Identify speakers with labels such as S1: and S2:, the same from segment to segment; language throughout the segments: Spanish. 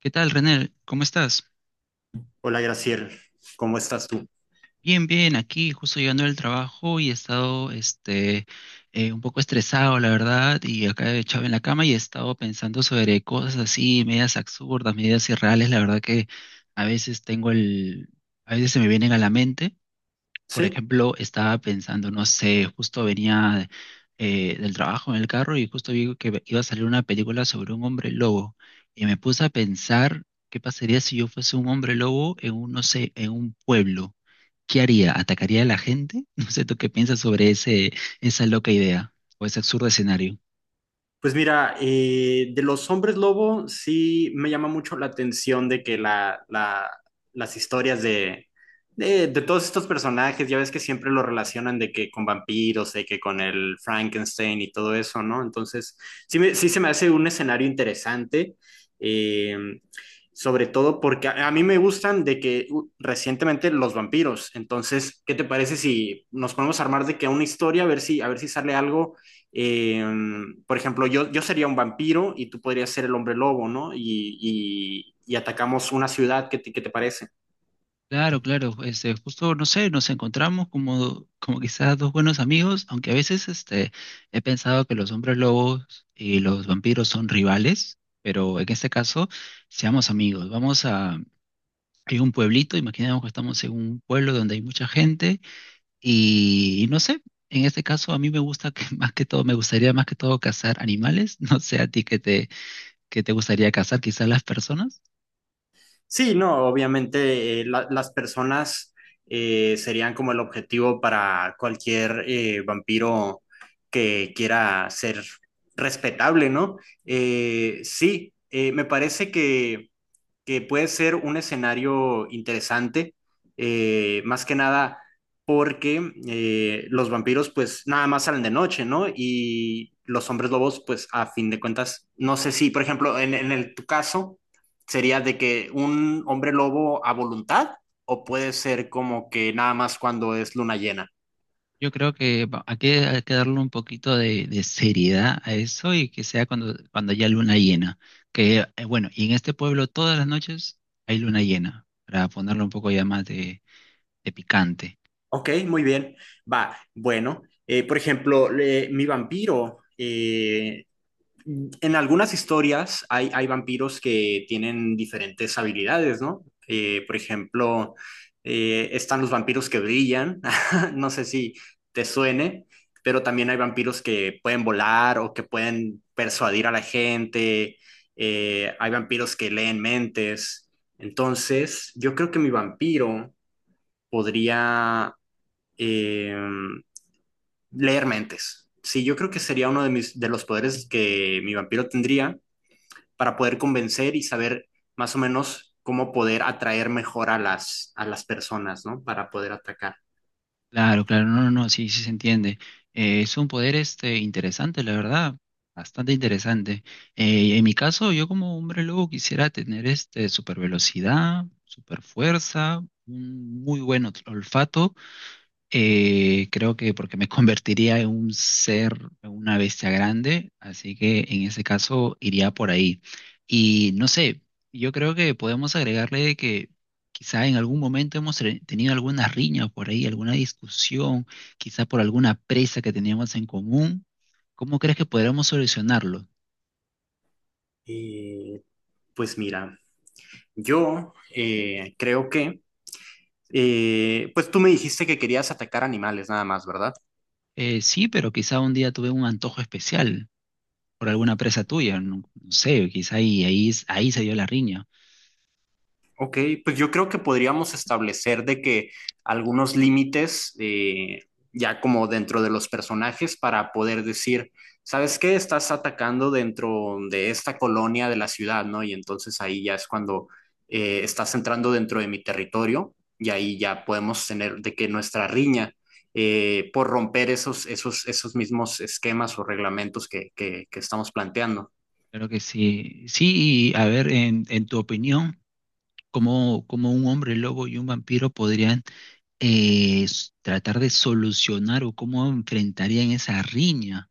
S1: ¿Qué tal, René? ¿Cómo estás?
S2: Hola, Graciela, ¿cómo estás tú?
S1: Bien, bien, aquí justo llegando del trabajo y he estado un poco estresado, la verdad, y acá he echado en la cama y he estado pensando sobre cosas así, medias absurdas, medias irreales, la verdad que a veces tengo el, a veces se me vienen a la mente. Por
S2: Sí.
S1: ejemplo, estaba pensando, no sé, justo venía del trabajo en el carro y justo vi que iba a salir una película sobre un hombre lobo y me puse a pensar qué pasaría si yo fuese un hombre lobo en un, no sé, en un pueblo. ¿Qué haría? ¿Atacaría a la gente? No sé, ¿tú qué piensas sobre ese, esa loca idea o ese absurdo escenario?
S2: Pues mira, de los hombres lobo sí me llama mucho la atención de que las historias de todos estos personajes, ya ves que siempre lo relacionan de que con vampiros, de que con el Frankenstein y todo eso, ¿no? Entonces, sí, sí se me hace un escenario interesante, eh, sobre todo porque a mí me gustan de que recientemente los vampiros. Entonces, ¿qué te parece si nos ponemos a armar de que una historia, a ver si sale algo? Eh, por ejemplo, yo sería un vampiro y tú podrías ser el hombre lobo, ¿no? Y atacamos una ciudad, qué te parece?
S1: Claro, claro, este, justo, no sé, nos encontramos como, como quizás dos buenos amigos, aunque a veces este, he pensado que los hombres lobos y los vampiros son rivales, pero en este caso, seamos amigos. Vamos a, hay un pueblito, imaginemos que estamos en un pueblo donde hay mucha gente y no sé, en este caso a mí me gusta que más que todo, me gustaría más que todo cazar animales, no sé a ti que te gustaría cazar, quizás las personas.
S2: Sí, no, obviamente las personas serían como el objetivo para cualquier vampiro que quiera ser respetable, ¿no? Sí, me parece que puede ser un escenario interesante, más que nada porque los vampiros pues nada más salen de noche, ¿no? Y los hombres lobos pues a fin de cuentas, no sé si, por ejemplo, en tu caso sería de que un hombre lobo a voluntad o puede ser como que nada más cuando es luna llena.
S1: Yo creo que va- hay que darle un poquito de seriedad a eso y que sea cuando, cuando haya luna llena. Que bueno, y en este pueblo todas las noches hay luna llena, para ponerle un poco ya más de picante.
S2: Ok, muy bien. Va, bueno, por ejemplo, mi vampiro en algunas historias hay vampiros que tienen diferentes habilidades, ¿no? Por ejemplo, están los vampiros que brillan, no sé si te suene, pero también hay vampiros que pueden volar o que pueden persuadir a la gente, hay vampiros que leen mentes. Entonces, yo creo que mi vampiro podría eh, leer mentes. Sí, yo creo que sería uno de mis de los poderes que mi vampiro tendría para poder convencer y saber más o menos cómo poder atraer mejor a a las personas, ¿no? Para poder atacar.
S1: Claro, claro, no, no, no, sí, sí se entiende. Es un poder este interesante, la verdad, bastante interesante. En mi caso, yo como hombre lobo quisiera tener este super velocidad, super fuerza, un muy buen olfato. Creo que porque me convertiría en un ser, en una bestia grande, así que en ese caso iría por ahí. Y no sé, yo creo que podemos agregarle de que quizá en algún momento hemos tenido alguna riña por ahí, alguna discusión, quizá por alguna presa que teníamos en común. ¿Cómo crees que podremos solucionarlo?
S2: Eh, pues mira, yo creo que, pues tú me dijiste que querías atacar animales nada más, ¿verdad?
S1: Sí, pero quizá un día tuve un antojo especial por alguna presa tuya, no, no sé, quizá ahí, ahí se dio la riña.
S2: Ok, pues yo creo que podríamos establecer de que algunos límites, ya como dentro de los personajes, para poder decir, ¿sabes qué? Estás atacando dentro de esta colonia de la ciudad, ¿no? Y entonces ahí ya es cuando estás entrando dentro de mi territorio y ahí ya podemos tener de que nuestra riña, por romper esos mismos esquemas o reglamentos que estamos planteando.
S1: Claro que sí. Sí, y a ver, en tu opinión, ¿cómo, cómo un hombre lobo y un vampiro podrían tratar de solucionar o cómo enfrentarían esa riña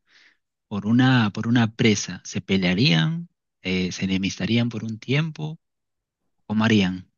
S1: por una presa? ¿Se pelearían? ¿Se enemistarían por un tiempo? ¿Cómo harían?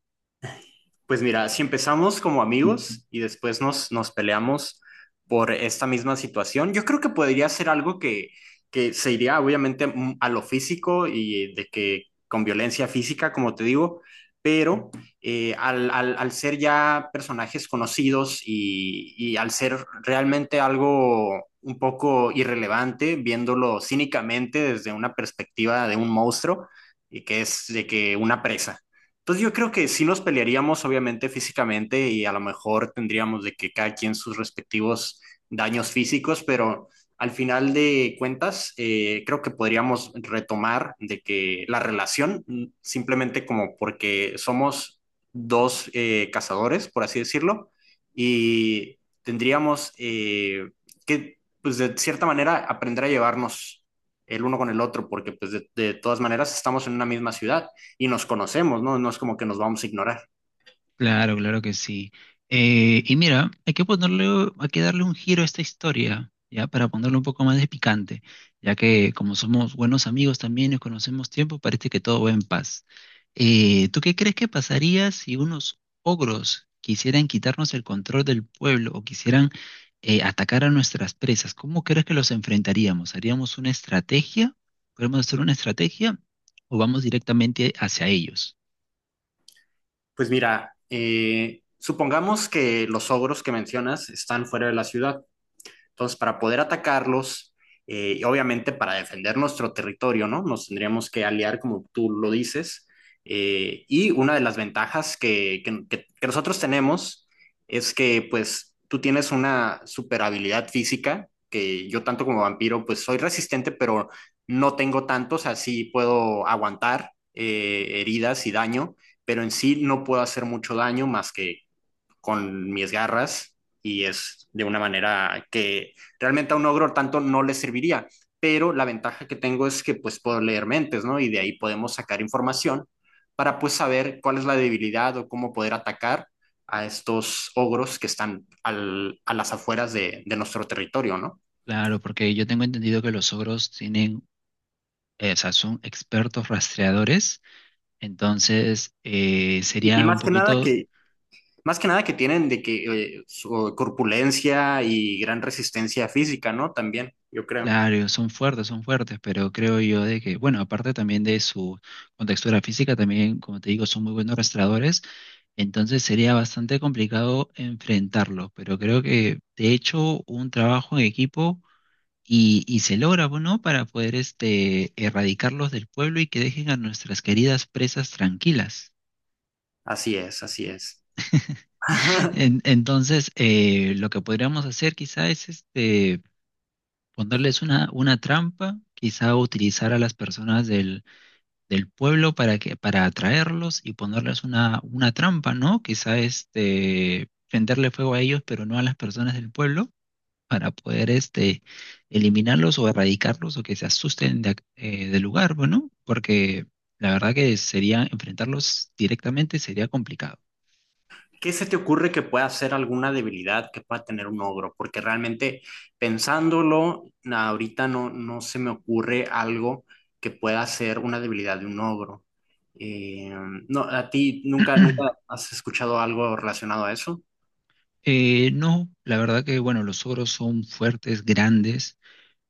S2: Pues mira, si empezamos como amigos y después nos peleamos por esta misma situación, yo creo que podría ser algo que se iría obviamente a lo físico y de que con violencia física, como te digo, pero al ser ya personajes conocidos y al ser realmente algo un poco irrelevante, viéndolo cínicamente desde una perspectiva de un monstruo, y que es de que una presa. Entonces yo creo que sí nos pelearíamos, obviamente, físicamente y a lo mejor tendríamos de que cada quien sus respectivos daños físicos, pero al final de cuentas creo que podríamos retomar de que la relación, simplemente como porque somos dos cazadores, por así decirlo, y tendríamos que, pues de cierta manera, aprender a llevarnos el uno con el otro, porque pues de todas maneras estamos en una misma ciudad y nos conocemos, ¿no? No es como que nos vamos a ignorar.
S1: Claro, claro que sí. Y mira, hay que ponerle, hay que darle un giro a esta historia, ¿ya? Para ponerle un poco más de picante, ya que como somos buenos amigos también y conocemos tiempo, parece que todo va en paz. ¿Tú qué crees que pasaría si unos ogros quisieran quitarnos el control del pueblo o quisieran atacar a nuestras presas? ¿Cómo crees que los enfrentaríamos? ¿Haríamos una estrategia? ¿Podemos hacer una estrategia o vamos directamente hacia ellos?
S2: Pues mira, supongamos que los ogros que mencionas están fuera de la ciudad. Entonces, para poder atacarlos, y obviamente para defender nuestro territorio, ¿no? Nos tendríamos que aliar, como tú lo dices. Y una de las ventajas que nosotros tenemos es que, pues, tú tienes una super habilidad física, que yo tanto como vampiro, pues, soy resistente, pero no tengo tantos, así puedo aguantar heridas y daño, pero en sí no puedo hacer mucho daño más que con mis garras y es de una manera que realmente a un ogro tanto no le serviría, pero la ventaja que tengo es que pues puedo leer mentes, ¿no? Y de ahí podemos sacar información para pues saber cuál es la debilidad o cómo poder atacar a estos ogros que están a las afueras nuestro territorio, ¿no?
S1: Claro, porque yo tengo entendido que los ogros tienen, o sea, son expertos rastreadores, entonces
S2: Y
S1: sería un
S2: más que nada
S1: poquito,
S2: que, más que nada que tienen de que su corpulencia y gran resistencia física, ¿no? También, yo creo.
S1: claro, son fuertes, pero creo yo de que, bueno, aparte también de su contextura física, también, como te digo, son muy buenos rastreadores, entonces sería bastante complicado enfrentarlo, pero creo que de hecho un trabajo en equipo y se logra, ¿no? Para poder este, erradicarlos del pueblo y que dejen a nuestras queridas presas tranquilas.
S2: Así es, así
S1: ¿No?
S2: es.
S1: Entonces, lo que podríamos hacer quizá es este, ponerles una trampa, quizá utilizar a las personas del, del pueblo para que, para atraerlos y ponerles una trampa, ¿no? Quizá este, prenderle fuego a ellos, pero no a las personas del pueblo, para poder este, eliminarlos o erradicarlos o que se asusten de del lugar, bueno, porque la verdad que sería enfrentarlos directamente sería complicado.
S2: ¿Qué se te ocurre que pueda ser alguna debilidad que pueda tener un ogro? Porque realmente pensándolo, ahorita no, no se me ocurre algo que pueda ser una debilidad de un ogro. Eh, no, ¿a ti nunca, nunca has escuchado algo relacionado a eso?
S1: No, la verdad que bueno, los ogros son fuertes, grandes.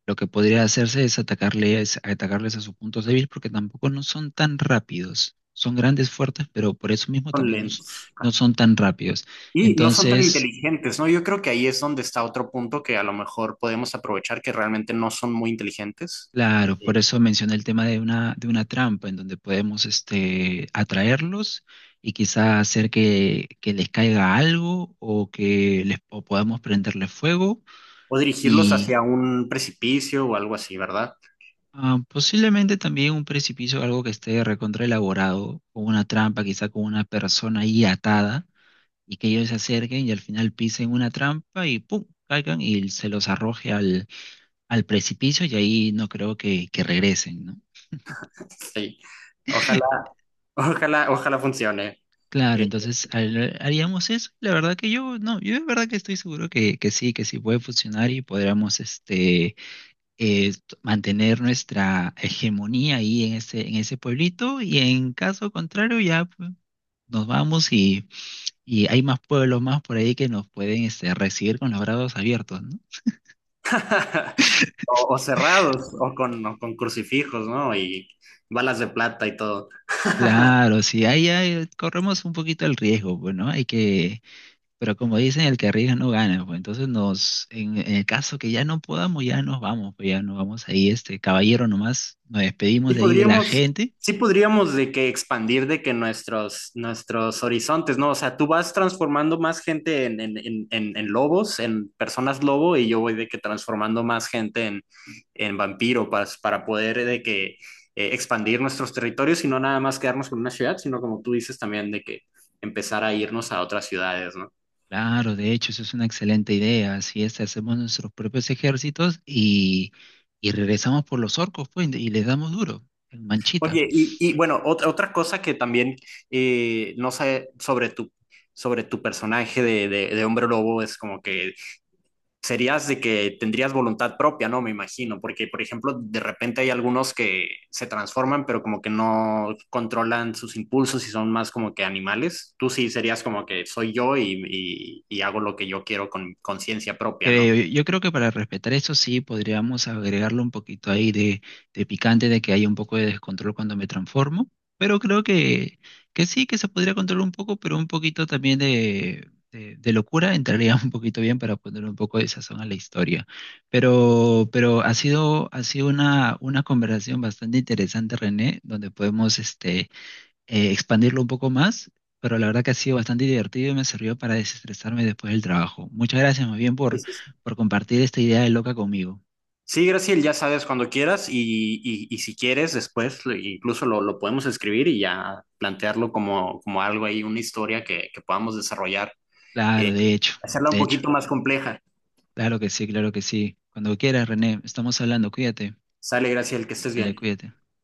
S1: Lo que podría hacerse es atacarles, atacarles a sus puntos débiles porque tampoco no son tan rápidos. Son grandes, fuertes, pero por eso mismo
S2: Son
S1: también no,
S2: lentos.
S1: no
S2: Ah.
S1: son tan rápidos.
S2: Y no son tan
S1: Entonces,
S2: inteligentes, ¿no? Yo creo que ahí es donde está otro punto que a lo mejor podemos aprovechar, que realmente no son muy inteligentes.
S1: claro, por
S2: eh,
S1: eso mencioné el tema de una trampa en donde podemos este, atraerlos y quizá hacer que les caiga algo o que les o podamos prenderle fuego.
S2: o dirigirlos hacia un precipicio o algo así, ¿verdad?
S1: Ah, posiblemente también un precipicio, algo que esté recontra elaborado, con una trampa, quizá con una persona ahí atada, y que ellos se acerquen y al final pisen una trampa y ¡pum! Caigan y se los arroje al, al precipicio y ahí no creo que regresen, ¿no?
S2: Sí. Ojalá. Ojalá, ojalá funcione.
S1: Claro,
S2: Eh,
S1: entonces haríamos eso. La verdad que yo, no, yo de verdad que estoy seguro que sí puede funcionar y podríamos este, mantener nuestra hegemonía ahí en ese pueblito y en caso contrario ya, pues, nos vamos y hay más pueblos más por ahí que nos pueden este, recibir con los brazos abiertos, ¿no?
S2: o, o cerrados, o con crucifijos, ¿no? Y balas de plata y todo.
S1: Claro, sí, ahí, ahí corremos un poquito el riesgo, pues, ¿no? Hay que, pero como dicen, el que arriesga no gana, pues entonces nos, en el caso que ya no podamos, ya nos vamos, pues ya nos vamos ahí, este caballero nomás, nos despedimos de ahí de la gente.
S2: Sí
S1: ¿No?
S2: podríamos de que expandir de que nuestros horizontes, ¿no? O sea, tú vas transformando más gente en lobos, en personas lobo, y yo voy de que transformando más gente en vampiro para poder de que expandir nuestros territorios y no nada más quedarnos con una ciudad, sino como tú dices también de que empezar a irnos a otras ciudades, ¿no?
S1: Claro, de hecho, eso es una excelente idea, así es, hacemos nuestros propios ejércitos y regresamos por los orcos, pues, y les damos duro, en manchita.
S2: Oye, y, bueno, otra, otra cosa que también no sé sobre tu personaje de hombre lobo es como que serías de que tendrías voluntad propia, ¿no? Me imagino, porque por ejemplo, de repente hay algunos que se transforman, pero como que no controlan sus impulsos y son más como que animales. Tú sí serías como que soy yo y hago lo que yo quiero con conciencia propia, ¿no?
S1: Creo, yo creo que para respetar eso sí podríamos agregarle un poquito ahí de picante, de que haya un poco de descontrol cuando me transformo, pero creo que sí, que se podría controlar un poco, pero un poquito también de locura entraría un poquito bien para poner un poco de sazón a la historia. Pero ha sido una conversación bastante interesante, René, donde podemos este, expandirlo un poco más, pero la verdad que ha sido bastante divertido y me sirvió para desestresarme después del trabajo. Muchas gracias más bien
S2: Sí, sí, sí.
S1: por compartir esta idea de loca conmigo.
S2: Sí, Graciel, ya sabes cuando quieras y si quieres después incluso lo podemos escribir y ya plantearlo como, como algo ahí, una historia que podamos desarrollar,
S1: Claro,
S2: eh,
S1: de hecho,
S2: hacerla un
S1: de hecho.
S2: poquito más compleja.
S1: Claro que sí, claro que sí. Cuando quieras, René, estamos hablando, cuídate.
S2: Sale, Graciel, que estés
S1: Dale,
S2: bien.
S1: cuídate.